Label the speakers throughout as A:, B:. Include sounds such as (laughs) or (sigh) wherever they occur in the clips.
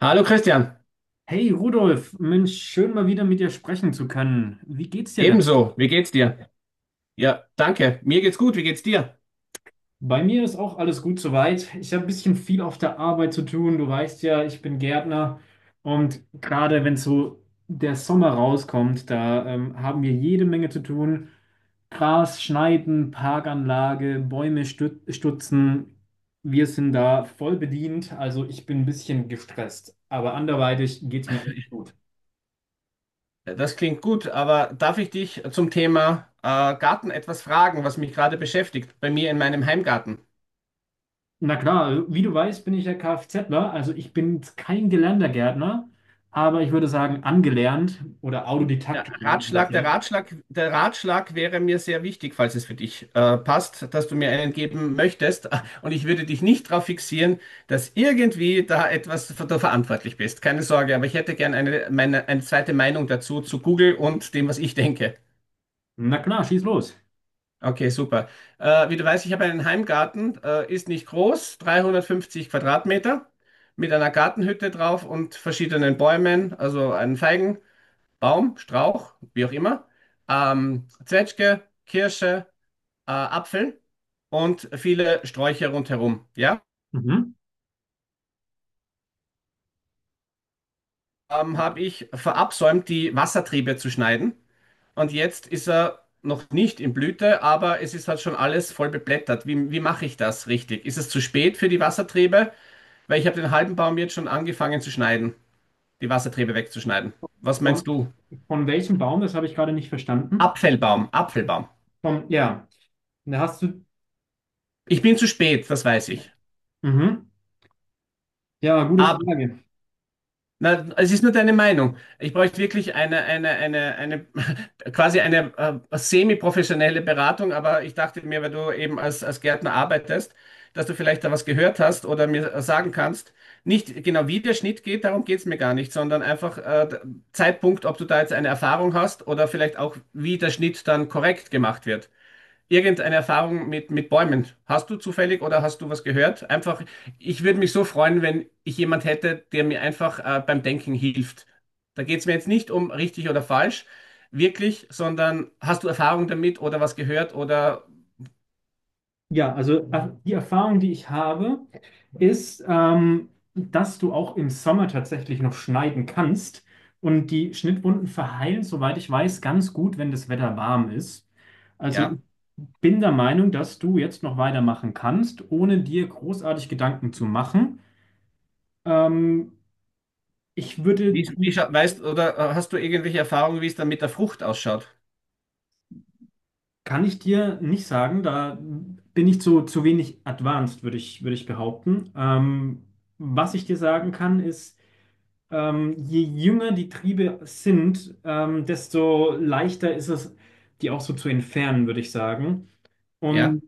A: Hallo Christian,
B: Hey Rudolf, Mensch, schön mal wieder mit dir sprechen zu können. Wie geht's dir denn?
A: ebenso, wie geht's dir? Ja, danke, mir geht's gut, wie geht's dir?
B: Bei mir ist auch alles gut soweit. Ich habe ein bisschen viel auf der Arbeit zu tun. Du weißt ja, ich bin Gärtner und gerade wenn so der Sommer rauskommt, da haben wir jede Menge zu tun. Gras schneiden, Parkanlage, Bäume stutzen. Wir sind da voll bedient, also ich bin ein bisschen gestresst, aber anderweitig geht's mir echt gut.
A: Das klingt gut, aber darf ich dich zum Thema Garten etwas fragen, was mich gerade beschäftigt, bei mir in meinem Heimgarten?
B: Na klar, also wie du weißt, bin ich ja Kfzler, also ich bin jetzt kein gelernter Gärtner, aber ich würde sagen angelernt oder
A: Ja,
B: autodidaktisch nennt man das
A: Ratschlag,
B: ja.
A: Der Ratschlag wäre mir sehr wichtig, falls es für dich passt, dass du mir einen geben möchtest. (laughs) Und ich würde dich nicht darauf fixieren, dass irgendwie da etwas für, da verantwortlich bist. Keine Sorge, aber ich hätte gern eine zweite Meinung dazu zu Google und dem, was ich denke.
B: Na klar, schieß los.
A: Okay, super. Wie du weißt, ich habe einen Heimgarten, ist nicht groß, 350 Quadratmeter, mit einer Gartenhütte drauf und verschiedenen Bäumen, also einen Feigenbaum, Strauch, wie auch immer, Zwetschge, Kirsche, Apfel und viele Sträucher rundherum. Ja,
B: Mhm.
A: habe ich verabsäumt, die Wassertriebe zu schneiden, und jetzt ist er noch nicht in Blüte, aber es ist halt schon alles voll beblättert. Wie mache ich das richtig? Ist es zu spät für die Wassertriebe? Weil ich habe den halben Baum jetzt schon angefangen zu schneiden, die Wassertriebe wegzuschneiden. Was meinst
B: Von,
A: du?
B: von welchem Baum? Das habe ich gerade nicht verstanden.
A: Apfelbaum.
B: Vom, ja, da hast du.
A: Ich bin zu spät, das weiß ich.
B: Mhm. Ja, gute
A: Aber
B: Frage.
A: na, es ist nur deine Meinung. Ich bräuchte wirklich (laughs) quasi eine semi-professionelle Beratung, aber ich dachte mir, weil du eben als Gärtner arbeitest, dass du vielleicht da was gehört hast oder mir sagen kannst, nicht genau wie der Schnitt geht, darum geht's mir gar nicht, sondern einfach Zeitpunkt, ob du da jetzt eine Erfahrung hast oder vielleicht auch, wie der Schnitt dann korrekt gemacht wird, irgendeine Erfahrung mit Bäumen? Hast du zufällig oder hast du was gehört? Einfach, ich würde mich so freuen, wenn ich jemand hätte, der mir einfach beim Denken hilft. Da geht es mir jetzt nicht um richtig oder falsch, wirklich, sondern hast du Erfahrung damit oder was gehört oder
B: Ja, also die Erfahrung, die ich habe, ist, dass du auch im Sommer tatsächlich noch schneiden kannst. Und die Schnittwunden verheilen, soweit ich weiß, ganz gut, wenn das Wetter warm ist. Also
A: ja,
B: ich bin der Meinung, dass du jetzt noch weitermachen kannst, ohne dir großartig Gedanken zu machen. Ähm, ich würde,
A: weißt oder hast du irgendwelche Erfahrungen, wie es dann mit der Frucht ausschaut?
B: kann ich dir nicht sagen, da bin ich zu wenig advanced, würde ich behaupten. Was ich dir sagen kann, ist: je jünger die Triebe sind, desto leichter ist es, die auch so zu entfernen, würde ich sagen.
A: Ja,
B: Und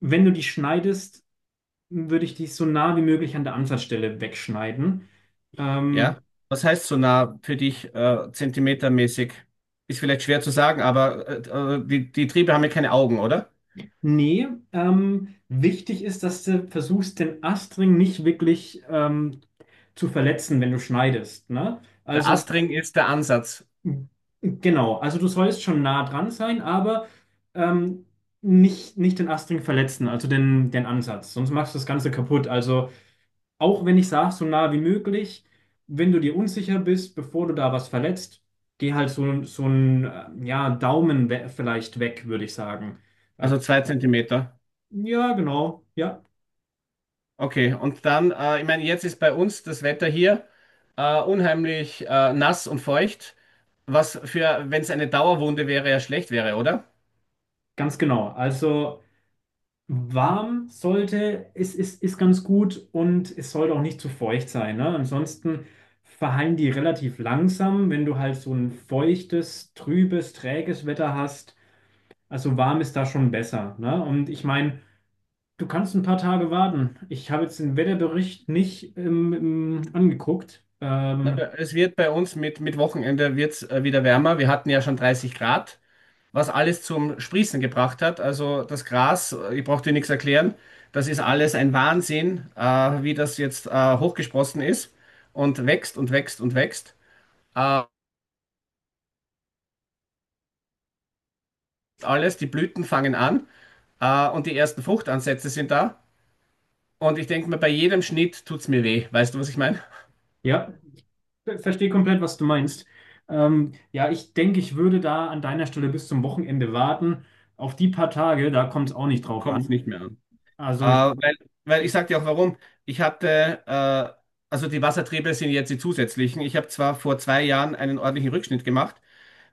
B: wenn du die schneidest, würde ich die so nah wie möglich an der Ansatzstelle wegschneiden. Ähm,
A: ja. Was heißt so nah für dich zentimetermäßig? Ist vielleicht schwer zu sagen, aber die Triebe haben ja keine Augen, oder?
B: nee, wichtig ist, dass du versuchst, den Astring nicht wirklich zu verletzen, wenn du schneidest. Ne?
A: Der
B: Also
A: Astring ist der Ansatz,
B: genau, also du sollst schon nah dran sein, aber ähm, nicht den Astring verletzen, also den Ansatz, sonst machst du das Ganze kaputt. Also auch wenn ich sage, so nah wie möglich, wenn du dir unsicher bist, bevor du da was verletzt, geh halt so ein ja, Daumen we vielleicht weg, würde ich sagen. Äh,
A: also zwei Zentimeter.
B: ja, genau, ja,
A: Okay, und dann, ich meine, jetzt ist bei uns das Wetter hier unheimlich nass und feucht, was für, wenn es eine Dauerwunde wäre, ja schlecht wäre, oder?
B: ganz genau. Also warm sollte, ist ganz gut und es sollte auch nicht zu feucht sein. Ne? Ansonsten verhallen die relativ langsam, wenn du halt so ein feuchtes, trübes, träges Wetter hast. Also warm ist da schon besser. Ne? Und ich meine, du kannst ein paar Tage warten. Ich habe jetzt den Wetterbericht nicht angeguckt.
A: Na, es wird bei uns mit Wochenende wird's, wieder wärmer. Wir hatten ja schon 30 Grad, was alles zum Sprießen gebracht hat. Also das Gras, ich brauche dir nichts erklären, das ist alles ein Wahnsinn, wie das jetzt hochgesprossen ist und wächst und wächst und wächst. Äh, Alles, die Blüten fangen an und die ersten Fruchtansätze sind da. Und ich denke mir, bei jedem Schnitt tut es mir weh. Weißt du, was ich meine?
B: Ja, verstehe komplett, was du meinst. Ja, ich denke, ich würde da an deiner Stelle bis zum Wochenende warten. Auf die paar Tage, da kommt es auch nicht drauf
A: Kommt es
B: an.
A: nicht mehr
B: Also ich,
A: an. Äh, weil, weil ich sag dir auch warum. Ich hatte, äh, also die Wassertriebe sind jetzt die zusätzlichen. Ich habe zwar vor zwei Jahren einen ordentlichen Rückschnitt gemacht,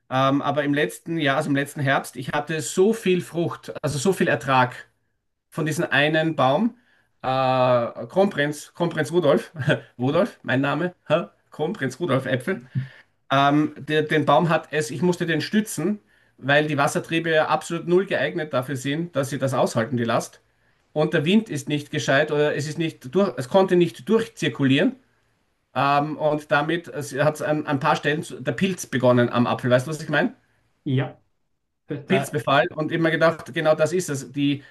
A: aber im letzten Jahr, also im letzten Herbst, ich hatte so viel Frucht, also so viel Ertrag von diesem einen Baum. Kronprinz Rudolf, (laughs) Rudolf, mein Name, hä? Kronprinz Rudolf Äpfel. Den Baum hat es, ich musste den stützen, weil die Wassertriebe ja absolut null geeignet dafür sind, dass sie das aushalten, die Last. Und der Wind ist nicht gescheit oder es ist nicht durch, es konnte nicht durchzirkulieren. Und damit hat es an ein paar Stellen der Pilz begonnen am Apfel. Weißt du, was ich meine?
B: ja, da,
A: Pilzbefall. Und immer gedacht, genau das ist es. Die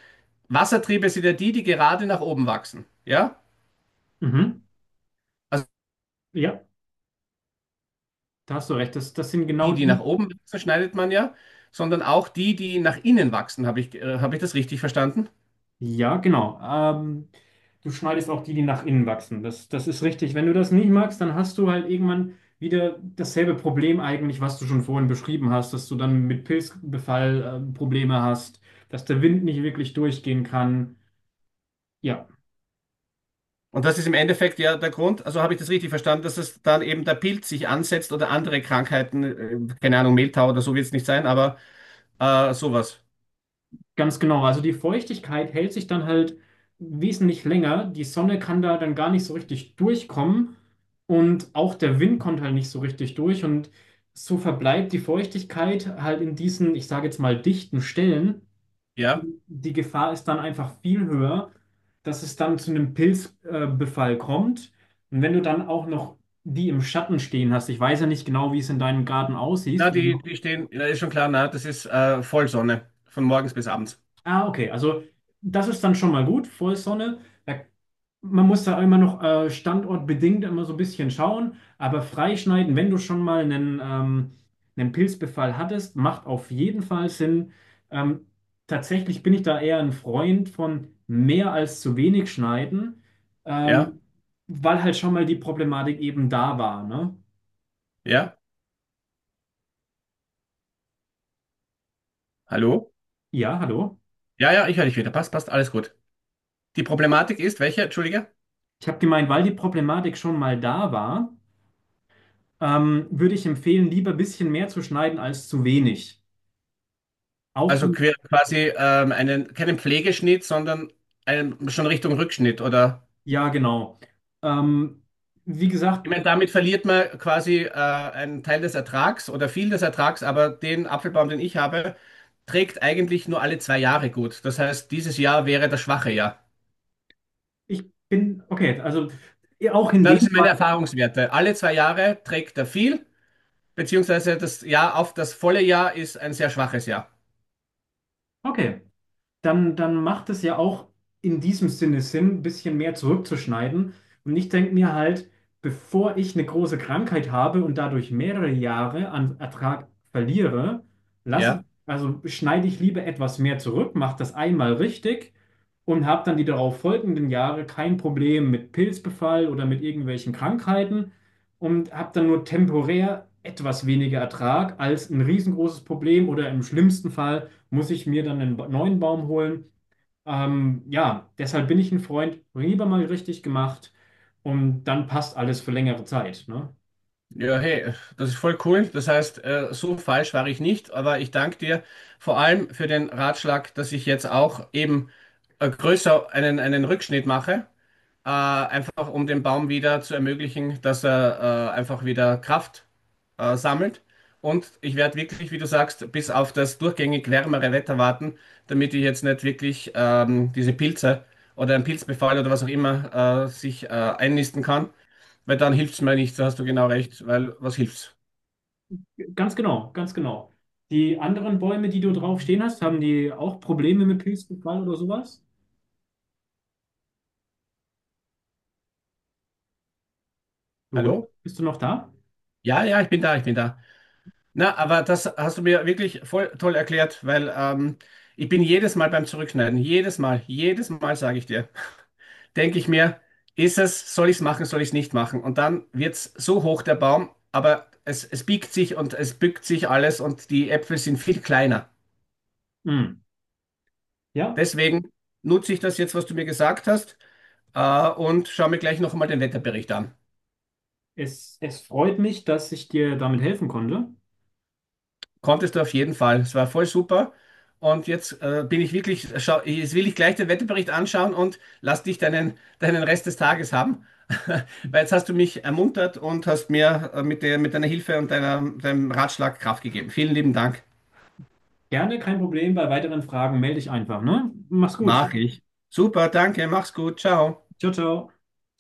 A: Wassertriebe sind ja die, die gerade nach oben wachsen. Ja?
B: mhm,
A: Also
B: ja, da hast du recht. Das sind genau
A: die, die nach
B: die,
A: oben wachsen, schneidet man ja, sondern auch die, die nach innen wachsen. Habe ich das richtig verstanden?
B: ja, genau. Du schneidest auch die, die nach innen wachsen. Das ist richtig. Wenn du das nicht magst, dann hast du halt irgendwann wieder dasselbe Problem eigentlich, was du schon vorhin beschrieben hast, dass du dann mit Pilzbefall, Probleme hast, dass der Wind nicht wirklich durchgehen kann. Ja,
A: Und das ist im Endeffekt ja der Grund, also habe ich das richtig verstanden, dass es dann eben der Pilz sich ansetzt oder andere Krankheiten, keine Ahnung, Mehltau oder so wird es nicht sein, aber sowas.
B: ganz genau, also die Feuchtigkeit hält sich dann halt wesentlich länger. Die Sonne kann da dann gar nicht so richtig durchkommen und auch der Wind kommt halt nicht so richtig durch und so verbleibt die Feuchtigkeit halt in diesen, ich sage jetzt mal, dichten Stellen.
A: Ja,
B: Und die Gefahr ist dann einfach viel höher, dass es dann zu einem Pilzbefall Befall kommt. Und wenn du dann auch noch die im Schatten stehen hast, ich weiß ja nicht genau, wie es in deinem Garten
A: na,
B: aussieht,
A: die stehen, ja, ist schon klar, na, das ist Vollsonne, von morgens bis abends.
B: ah, okay. Also das ist dann schon mal gut, Vollsonne. Da, man muss da immer noch standortbedingt immer so ein bisschen schauen, aber freischneiden, wenn du schon mal einen Pilzbefall hattest, macht auf jeden Fall Sinn. Ähm, tatsächlich bin ich da eher ein Freund von mehr als zu wenig schneiden,
A: Ja,
B: ähm, weil halt schon mal die Problematik eben da war, ne?
A: ja, hallo?
B: Ja, hallo.
A: Ja, ja, ich höre dich wieder, passt, passt, alles gut. Die Problematik ist, welche, entschuldige?
B: Ich habe gemeint, weil die Problematik schon mal da war. Würde ich empfehlen, lieber ein bisschen mehr zu schneiden als zu wenig. Auch
A: Also
B: wenn,
A: quasi einen, keinen Pflegeschnitt, sondern einen, schon Richtung Rückschnitt oder?
B: ja, genau. Ähm, wie gesagt,
A: Ich meine, damit verliert man quasi einen Teil des Ertrags oder viel des Ertrags, aber den Apfelbaum, den ich habe, trägt eigentlich nur alle zwei Jahre gut. Das heißt, dieses Jahr wäre das schwache Jahr.
B: okay, also eh, auch in
A: Na, das
B: dem
A: sind
B: Fall,
A: meine Erfahrungswerte. Alle zwei Jahre trägt er viel, beziehungsweise das Jahr auf das volle Jahr ist ein sehr schwaches Jahr.
B: okay, dann macht es ja auch in diesem Sinne Sinn, ein bisschen mehr zurückzuschneiden. Und ich denke mir halt, bevor ich eine große Krankheit habe und dadurch mehrere Jahre an Ertrag verliere, lasse ich,
A: Ja?
B: also schneide ich lieber etwas mehr zurück, mache das einmal richtig und habe dann die darauf folgenden Jahre kein Problem mit Pilzbefall oder mit irgendwelchen Krankheiten und habe dann nur temporär etwas weniger Ertrag als ein riesengroßes Problem oder im schlimmsten Fall muss ich mir dann einen neuen Baum holen. Ja, deshalb bin ich ein Freund, lieber mal richtig gemacht und dann passt alles für längere Zeit. Ne?
A: Ja, hey, das ist voll cool. Das heißt, so falsch war ich nicht, aber ich danke dir vor allem für den Ratschlag, dass ich jetzt auch eben größer einen Rückschnitt mache. Einfach um dem Baum wieder zu ermöglichen, dass er einfach wieder Kraft sammelt. Und ich werde wirklich, wie du sagst, bis auf das durchgängig wärmere Wetter warten, damit ich jetzt nicht wirklich diese Pilze oder einen Pilzbefall oder was auch immer sich einnisten kann, weil dann hilft's mir nicht, da hast du genau recht, weil was hilft's?
B: Ganz genau, ganz genau. Die anderen Bäume, die du drauf stehen hast, haben die auch Probleme mit Pilzbefall oder sowas? Oder?
A: Hallo?
B: Bist du noch da?
A: Ja, ja, ich bin da, ich bin da. Na, aber das hast du mir wirklich voll toll erklärt, weil ich bin jedes Mal beim Zurückschneiden, jedes Mal sage ich dir, denke ich mir, ist es, soll ich es machen, soll ich es nicht machen? Und dann wird es so hoch, der Baum, aber es biegt sich und es bückt sich alles und die Äpfel sind viel kleiner.
B: Hm. Ja,
A: Deswegen nutze ich das jetzt, was du mir gesagt hast, und schaue mir gleich noch einmal den Wetterbericht an.
B: es freut mich, dass ich dir damit helfen konnte.
A: Konntest du auf jeden Fall. Es war voll super. Und jetzt bin ich wirklich, schau, jetzt will ich gleich den Wetterbericht anschauen und lass dich deinen Rest des Tages haben. (laughs) Weil jetzt hast du mich ermuntert und hast mir mit der, mit deiner Hilfe und deinem Ratschlag Kraft gegeben. Vielen lieben Dank.
B: Gerne, kein Problem. Bei weiteren Fragen melde dich einfach, ne? Mach's gut.
A: Nachricht. Super, danke, mach's gut, ciao.
B: Ciao, ciao.